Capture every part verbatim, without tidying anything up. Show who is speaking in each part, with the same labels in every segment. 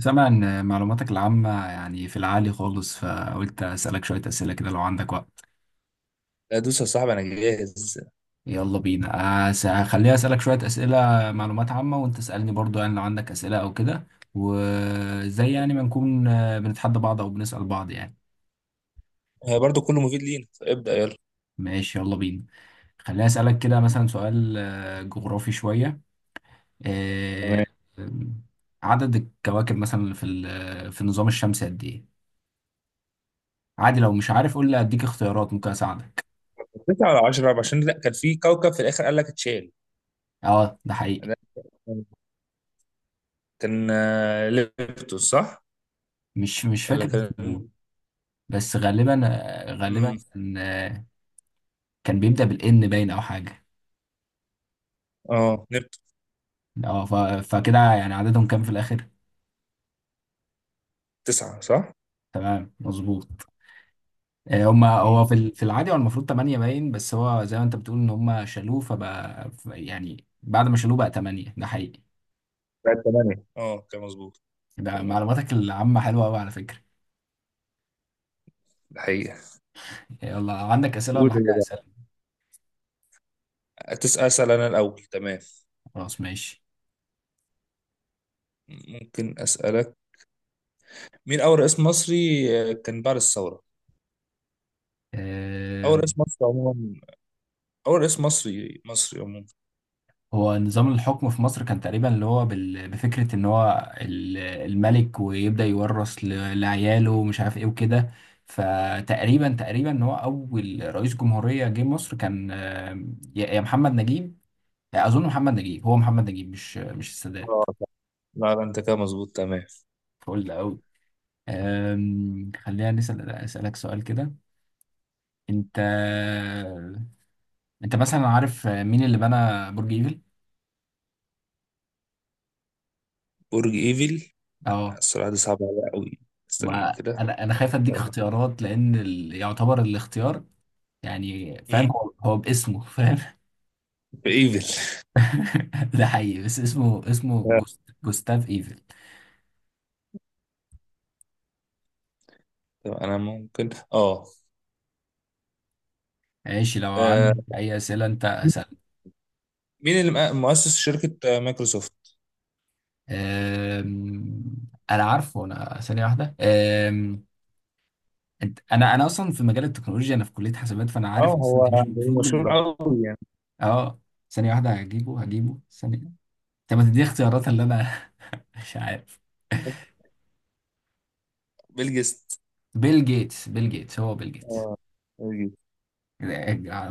Speaker 1: سامع ان معلوماتك العامة يعني في العالي خالص فقلت اسألك شوية اسئلة كده لو عندك وقت.
Speaker 2: لا، دوس يا صاحبي. انا جاهز.
Speaker 1: يلا بينا. أس- هخليها اسألك شوية اسئلة معلومات عامة وانت اسألني برضو يعني لو عندك اسئلة او كده. وزي يعني ما نكون آه، بنتحدى بعض او بنسأل بعض يعني.
Speaker 2: هي برضو كله مفيد لينا. ابدأ يلا.
Speaker 1: ماشي يلا بينا. خليني اسألك كده مثلا سؤال آه، جغرافي شوية. آه،
Speaker 2: تمام.
Speaker 1: آم، عدد الكواكب مثلا في ال- في النظام الشمسي قد ايه؟ عادي لو مش عارف قول لي اديك اختيارات ممكن اساعدك.
Speaker 2: تسعة ولا عشرة، عشان لا كان في كوكب في الآخر قال لك اتشال.
Speaker 1: اه ده حقيقي.
Speaker 2: ده كان آه، نبتون، صح
Speaker 1: مش مش
Speaker 2: ولا
Speaker 1: فاكر
Speaker 2: كان؟
Speaker 1: اسمه، بس غالبا غالبا
Speaker 2: مم.
Speaker 1: كان كان بيبدأ بالإن باين أو حاجة.
Speaker 2: اه، نبتون.
Speaker 1: اه ف- فكده يعني عددهم كام في الآخر؟
Speaker 2: تسعة صح؟
Speaker 1: تمام مظبوط. آه، هما
Speaker 2: مم.
Speaker 1: هو في ال- في العادي هو المفروض تمانية باين، بس هو زي ما انت بتقول ان هما شالوه فبقى ف- يعني بعد ما شالوه بقى تمانية. ده حقيقي.
Speaker 2: لا، تمام. اه، كان مظبوط.
Speaker 1: ده
Speaker 2: تمام.
Speaker 1: معلوماتك العامة حلوة قوي على فكرة.
Speaker 2: الحقيقة.
Speaker 1: يلا عندك أسئلة
Speaker 2: قول
Speaker 1: ولا
Speaker 2: اللي
Speaker 1: حاجة
Speaker 2: بقى.
Speaker 1: أسألك؟
Speaker 2: أتس- أسأل أنا الأول. تمام.
Speaker 1: خلاص ماشي.
Speaker 2: ممكن أسألك. مين أول رئيس مصري آه، كان بعد الثورة؟
Speaker 1: آه،
Speaker 2: أول رئيس مصري عموما. أول رئيس مصري مصري عموما.
Speaker 1: هو نظام الحكم في مصر كان تقريبا اللي هو بال- بفكرة ان هو ال- الملك ويبدأ يورث ل- لعياله ومش عارف ايه وكده. فتقريبا تقريبا ان هو اول رئيس جمهورية جه مصر كان، آه، يا يا محمد نجيب. اظن محمد نجيب، هو محمد نجيب مش مش السادات.
Speaker 2: اه، صح. لا، لا، أنت كده مظبوط. تمام.
Speaker 1: فقول ده قوي. آم، خلينا نسأل اسألك سؤال كده. انت انت مثلا عارف مين اللي بنى برج ايفل؟
Speaker 2: برج ايفل.
Speaker 1: اه
Speaker 2: السرعة دي صعبة عليا قوي. استنى
Speaker 1: ما
Speaker 2: كده.
Speaker 1: انا انا خايف اديك
Speaker 2: مم.
Speaker 1: اختيارات لان ال... يعتبر الاختيار، يعني فاهم هو هو باسمه فاهم.
Speaker 2: في ايفل.
Speaker 1: ده حقيقي بس اسمه اسمه جوست... جوستاف ايفل.
Speaker 2: طب انا ممكن اه.
Speaker 1: ماشي لو
Speaker 2: آه،
Speaker 1: عندك اي اسئله انت اسال.
Speaker 2: مين اللي مؤ- مؤسس شركة آه، مايكروسوفت؟
Speaker 1: أم... انا عارفه، انا ثانيه واحده. أم... انت... انا انا اصلا في مجال التكنولوجيا، انا في كليه حسابات، فانا
Speaker 2: اه،
Speaker 1: عارف اصلا
Speaker 2: هو
Speaker 1: انت مش
Speaker 2: هو
Speaker 1: المفروض
Speaker 2: مشهور
Speaker 1: من...
Speaker 2: قوي يعني.
Speaker 1: اه ثانيه واحده، هجيبه هجيبه ثانيه. طب ما تديني اختيارات اللي انا مش عارف.
Speaker 2: بيل جيتس.
Speaker 1: بيل جيتس بيل جيتس هو بيل جيتس.
Speaker 2: اه، بيل جيتس.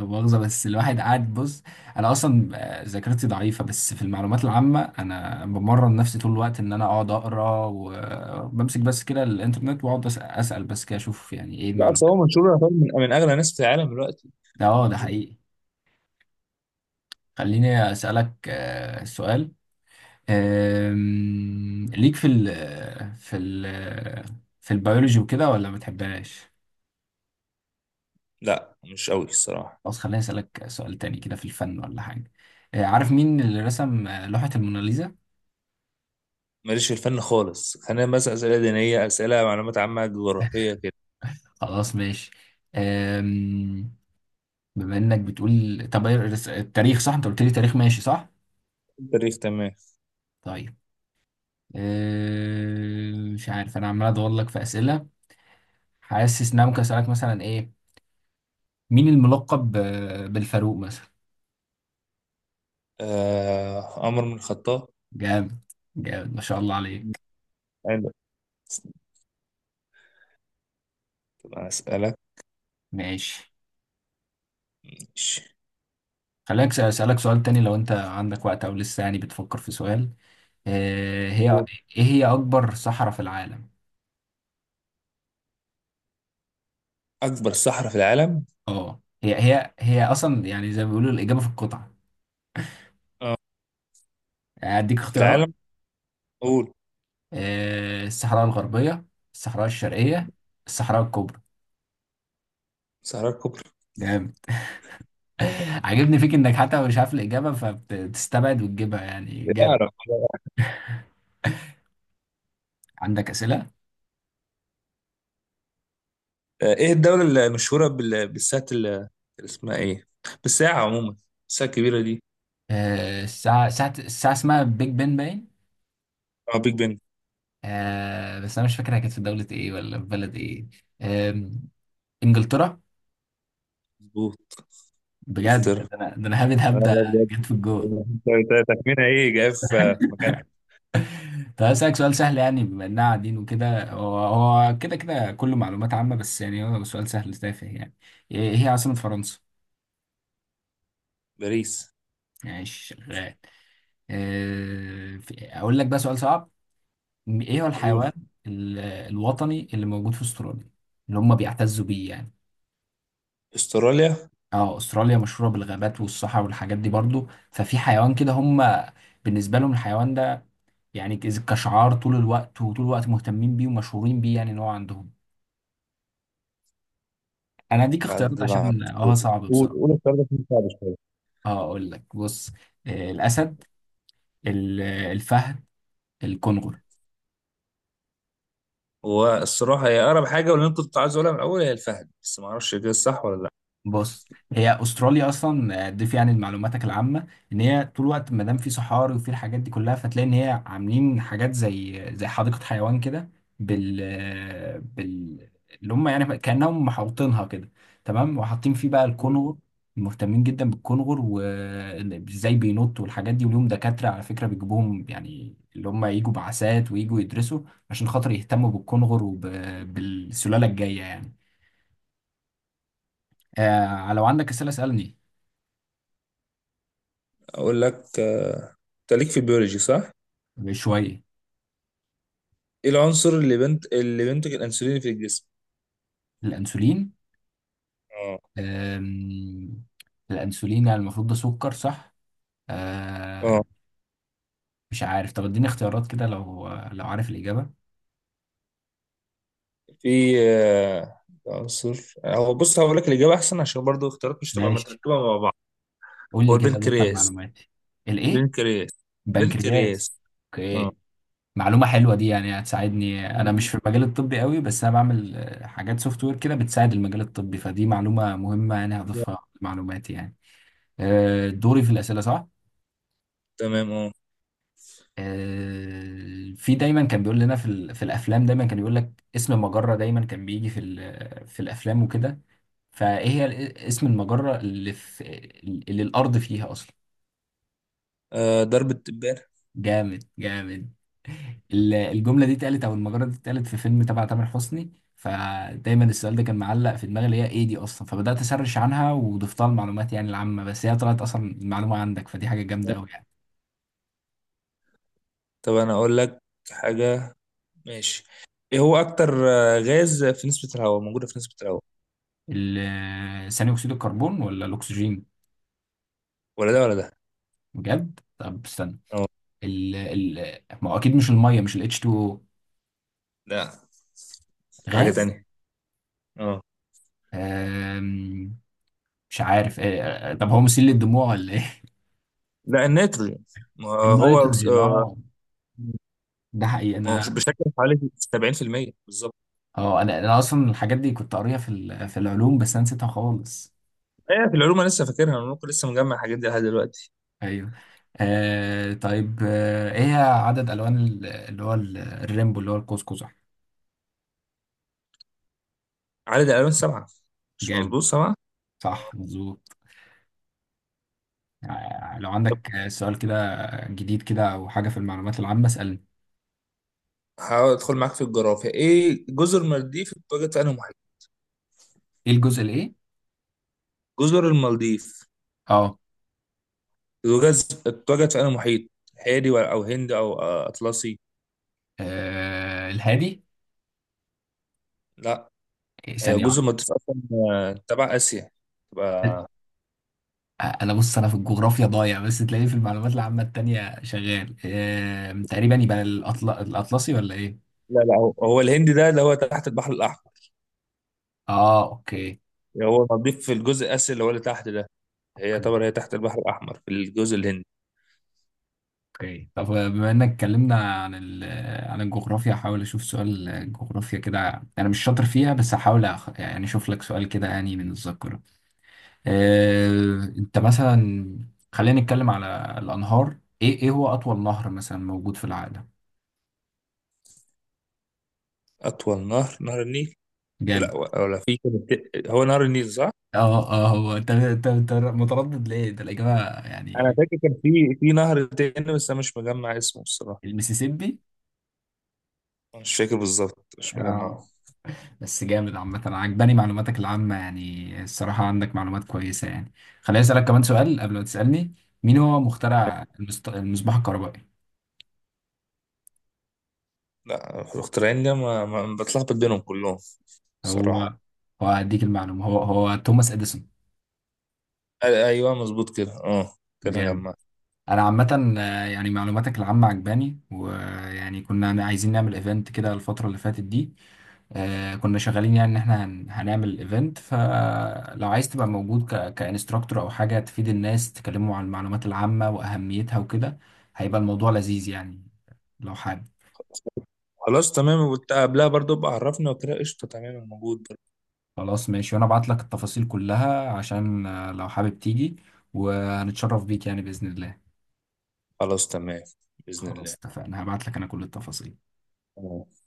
Speaker 1: مؤاخذة بس الواحد قاعد بص. أنا أصلا آه، ذاكرتي ضعيفة، بس في المعلومات العامة أنا بمرن نفسي طول الوقت إن أنا أقعد أقرأ وبمسك بس كده الإنترنت وأقعد أس- أسأل بس كده أشوف يعني إيه
Speaker 2: لا، اصل
Speaker 1: المعلومات.
Speaker 2: هو مشهور، يعتبر من من اغنى الناس في العالم دلوقتي.
Speaker 1: ده
Speaker 2: فاهم
Speaker 1: أه ده
Speaker 2: قصدي؟
Speaker 1: حقيقي. خليني أسألك آه، سؤال. آم، ليك في ال في ال في البيولوجي وكده ولا ما بتحبهاش؟
Speaker 2: لا، مش قوي الصراحة.
Speaker 1: خلاص خليني أسألك سؤال تاني كده في الفن ولا حاجة. آه، عارف مين اللي رسم آه، لوحة الموناليزا؟
Speaker 2: ماليش في الفن خالص. خلينا بس اسئلة دينية، اسئلة معلومات عامة، جغرافية كده.
Speaker 1: خلاص ماشي. أم... بما انك بتقول طب إيه الرس- التاريخ، صح انت قلت لي تاريخ، ماشي صح.
Speaker 2: التاريخ تمام.
Speaker 1: طيب. أم... مش عارف انا عمال ادور لك في اسئله. حاسس ان انا ممكن اسالك مثلا ايه. مين الملقب ب- بالفاروق مثلا؟
Speaker 2: آه عمر بن الخطاب.
Speaker 1: جامد. جامد ما شاء الله عليك.
Speaker 2: حلو. أسألك.
Speaker 1: ماشي.
Speaker 2: ماشي.
Speaker 1: خليني أكس- اسالك سؤال تاني لو انت عندك وقت او لسه يعني بتفكر في سؤال. أه... هي
Speaker 2: قول.
Speaker 1: ايه هي اكبر صحراء في العالم؟
Speaker 2: أكبر صحراء في العالم.
Speaker 1: اه هي هي هي اصلا يعني زي ما بيقولوا الاجابه في القطعه.
Speaker 2: اه،
Speaker 1: اديك
Speaker 2: في
Speaker 1: اختيارات:
Speaker 2: العالم. قول.
Speaker 1: آه، الصحراء الغربية، الصحراء الشرقية، الصحراء الكبرى.
Speaker 2: صحراء الكبرى.
Speaker 1: جامد. عاجبني فيك انك حتى مش عارف الإجابة فبتستبعد وتجيبها، يعني
Speaker 2: لا
Speaker 1: جامد.
Speaker 2: أعرف.
Speaker 1: عندك أسئلة؟
Speaker 2: آه، إيه الدولة المشهورة بال- بالساعة ال- اللي اسمها إيه، بالساعة عموما، الساعة الكبيرة دي؟
Speaker 1: آه، الساعة ساعة الساعة اسمها بيج بن باين.
Speaker 2: اه، بيج بن.
Speaker 1: آه، بس أنا مش فاكر هي كانت في دولة إيه ولا في بلد إيه. آم، إنجلترا.
Speaker 2: مظبوط.
Speaker 1: بجد؟
Speaker 2: إنجلترا.
Speaker 1: ده أنا ده أنا هبد
Speaker 2: لا،
Speaker 1: هبدأ
Speaker 2: لا، بجد.
Speaker 1: جيت في الجول.
Speaker 2: انت- انت تخمينها إيه، جاي في في مكانها.
Speaker 1: طب هسألك سؤال سهل، يعني بما إننا قاعدين وكده هو هو كده كده كله معلومات عامة، بس يعني هو سؤال سهل تافه يعني. إيه إيه هي عاصمة فرنسا؟
Speaker 2: باريس.
Speaker 1: ماشي شغال. آه، في- اقول لك بقى سؤال صعب. م- ايه هو
Speaker 2: قول.
Speaker 1: الحيوان ال- الوطني اللي موجود في استراليا، اللي هم بيعتزوا بيه يعني؟
Speaker 2: استراليا.
Speaker 1: اه استراليا مشهوره بالغابات والصحراء والحاجات دي برضو، ففي حيوان كده هم بالنسبه لهم الحيوان ده، يعني كز- كشعار طول الوقت، وطول الوقت مهتمين بيه ومشهورين بيه، يعني ان هو عندهم. انا اديك
Speaker 2: على قد
Speaker 1: اختيارات
Speaker 2: ما أعرف.
Speaker 1: عشان اه صعب
Speaker 2: قول قول،
Speaker 1: بصراحه.
Speaker 2: استراليا دي صعبة شوية.
Speaker 1: اه اقول لك بص: آه، الاسد، ال- الفهد، الكنغر.
Speaker 2: والصراحة هي أقرب حاجة، واللي أنا كنت عايز أقولها من الأول هي الفهد، بس ما أعرفش كده صح ولا
Speaker 1: بص، هي استراليا اصلا آه، ضيف يعني لمعلوماتك العامه ان هي طول الوقت ما دام في صحاري وفي الحاجات دي كلها فتلاقي ان هي عاملين حاجات زي زي حديقه حيوان كده بال آه، بال اللي هم يعني كانهم محوطينها كده، تمام، وحاطين فيه بقى
Speaker 2: لأ.
Speaker 1: الكونغر. مهتمين جدا بالكونغر، وازاي بينط والحاجات دي، وليهم دكاتره على فكره بيجيبوهم يعني اللي هم يجوا بعثات ويجوا يدرسوا عشان خاطر يهتموا بالكونغر وبالسلاله الجايه يعني. آه لو عندك اسئله اسالني.
Speaker 2: اقول لك. انت ليك في البيولوجي، صح؟
Speaker 1: شوية.
Speaker 2: ايه العنصر اللي بنت اللي بينتج الانسولين في الجسم؟
Speaker 1: الأنسولين؟
Speaker 2: اه.
Speaker 1: أم، الأنسولين يعني المفروض ده سكر، صح؟
Speaker 2: اه.
Speaker 1: أه. مش عارف، طب اديني اختيارات كده لو لو عارف الإجابة.
Speaker 2: في آه، عنصر، هو بص هقول لك الاجابه احسن، عشان برضو اختيارات مش تبقى
Speaker 1: ماشي.
Speaker 2: متركبه مع بعض.
Speaker 1: قول
Speaker 2: هو
Speaker 1: لي كده دفع
Speaker 2: البنكرياس.
Speaker 1: معلوماتي. الإيه؟
Speaker 2: بنكرياس.
Speaker 1: بنكرياس.
Speaker 2: بنكرياس. اه.
Speaker 1: أوكي. معلومة حلوة دي، يعني هتساعدني، أنا مش في المجال الطبي قوي بس أنا بعمل آه، حاجات سوفت وير كده بتساعد المجال الطبي، فدي معلومة مهمة يعني هضيفها لمعلوماتي يعني. آه، دوري في الأسئلة صح؟
Speaker 2: تمام، اه.
Speaker 1: آه، في دايما كان بيقول لنا في ال- في الافلام، دايما كان يقول لك اسم مجرة دايما كان بيجي في ال- في الافلام وكده. فايه هي ال- اسم المجرة اللي في اللي الارض فيها اصلا؟
Speaker 2: آه، ضرب التبان.
Speaker 1: جامد جامد. ال- الجملة دي اتقالت، او المجرة دي اتقالت في فيلم تبع تامر حسني، فدايما السؤال ده كان معلق في دماغي اللي هي ايه دي اصلا، فبدأت اسرش عنها وضفتها المعلومات يعني العامة، بس هي طلعت اصلا المعلومة عندك، فدي حاجة جامدة قوي يعني.
Speaker 2: طب انا اقول لك حاجه. ماشي. ايه هو اكتر آه، غاز في نسبه الهواء، موجوده في نسبه الهواء؟
Speaker 1: ال- ثاني اكسيد الكربون ولا الاكسجين؟
Speaker 2: ولا ده ولا ده.
Speaker 1: بجد؟ طب استنى.
Speaker 2: اه.
Speaker 1: ال ال ما هو اكيد مش الميه، مش ال إتش تو أو.
Speaker 2: لا، في حاجه
Speaker 1: غاز.
Speaker 2: تانية. اه.
Speaker 1: آم، مش عارف إيه. طب هو مسيل للدموع ولا ايه؟
Speaker 2: لا، الناتروجين. ما هو أكس-
Speaker 1: النيتروجين،
Speaker 2: آه،
Speaker 1: اه ده حقيقي.
Speaker 2: ما هو
Speaker 1: انا
Speaker 2: بشكل حوالي سبعين في المئة بالظبط.
Speaker 1: اه انا انا اصلا الحاجات دي كنت قاريها في ال- في العلوم، بس انا نسيتها خالص.
Speaker 2: ايه، في العلوم انا لسه فاكرها. انا ممكن لسه مجمع الحاجات دي لحد دلوقتي.
Speaker 1: ايوه. آه طيب، آه ايه عدد الوان ال- اللي هو ال- الريمبو اللي هو القوس قزح؟
Speaker 2: عدد الالوان سبعه. مش
Speaker 1: جامد،
Speaker 2: مظبوط، سبعه؟
Speaker 1: صح مظبوط. آه، لو
Speaker 2: طب
Speaker 1: عندك آه، سؤال كده جديد كده او حاجه في المعلومات العامه اسالني.
Speaker 2: هحاول ادخل معاك في الجغرافيا. ايه، جزر المالديف اتوجد في انهي محيط؟
Speaker 1: ايه الجزء الايه
Speaker 2: جزر المالديف
Speaker 1: اه.
Speaker 2: اتوجد اتوجد في انهي محيط؟ هادي ولا- او هند او آه، اطلسي؟
Speaker 1: آه الهادي.
Speaker 2: لا.
Speaker 1: إيه،
Speaker 2: هي
Speaker 1: ثانية
Speaker 2: جزر
Speaker 1: واحدة.
Speaker 2: المالديف اصلا آه، تبع اسيا تبقى.
Speaker 1: آه، أنا بص أنا في الجغرافيا ضايع، بس تلاقيه في المعلومات العامة التانية شغال. آه تقريبا يبقى الأطل... الأطلسي ولا إيه؟
Speaker 2: لا، لا، هو هو الهند ده اللي هو تحت البحر الاحمر.
Speaker 1: آه أوكي.
Speaker 2: يعني هو المالديف في الجزء الاسيا، اللي هو اللي تحت ده. هي
Speaker 1: أوكي
Speaker 2: طبعا هي تحت البحر الأحمر، في الجزء الهندي.
Speaker 1: أوكي طب آه، بما إنك اتكلمنا عن ال... آه، عن الجغرافيا هحاول أشوف سؤال آه، جغرافيا كده، أنا مش شاطر فيها بس هحاول أخ... يعني أشوف لك سؤال كده يعني من الذاكرة. آه أنت مثلا، خلينا نتكلم على الأنهار. إيه إيه هو أطول نهر مثلا موجود في العالم؟
Speaker 2: أطول نهر، نهر النيل.
Speaker 1: جامد.
Speaker 2: ولا ولا في كان الت- هو نهر النيل صح؟
Speaker 1: اه اه هو انت انت انت متردد ليه؟ ده الإجابة
Speaker 2: أنا
Speaker 1: يعني.
Speaker 2: فاكر كان في في نهر تاني، بس أنا مش مجمع اسمه الصراحة.
Speaker 1: المسيسيبي؟
Speaker 2: مش فاكر بالظبط، مش
Speaker 1: اه.
Speaker 2: مجمعه.
Speaker 1: بس جامد عامة، أنا عجباني معلوماتك العامة يعني، الصراحة عندك معلومات كويسة يعني. خليني أسألك كمان سؤال قبل ما تسألني. مين هو مخترع المصط- المصباح الكهربائي؟
Speaker 2: لا، الاختراعين ده ما, ما بتلخبط بينهم كلهم. صراحة.
Speaker 1: هو هو هديك المعلومة، هو هو توماس إديسون.
Speaker 2: أ- أيوه، مظبوط كده، أه. كده
Speaker 1: جامد.
Speaker 2: جمعت.
Speaker 1: انا عامه آه، يعني معلوماتك العامه عجباني، ويعني كنا عايزين نعمل ايفنت كده الفتره اللي فاتت دي. آه، كنا شغالين يعني ان احنا هن- هنعمل ايفنت، فلو عايز تبقى موجود ك كانستراكتور او حاجه تفيد الناس تكلموا عن المعلومات العامه واهميتها وكده، هيبقى الموضوع لذيذ يعني، لو حابب.
Speaker 2: خلاص تمام، وقلت قبلها برضو ابقى عرفني وكده. قشطة، تمام، موجود برضو.
Speaker 1: خلاص ماشي، وانا ابعت لك التفاصيل كلها عشان آه، لو حابب تيجي، وهنتشرف بيك يعني باذن الله.
Speaker 2: خلاص تمام. بإذن الله.
Speaker 1: خلاص اتفقنا، هبعت لك انا كل التفاصيل.
Speaker 2: آه.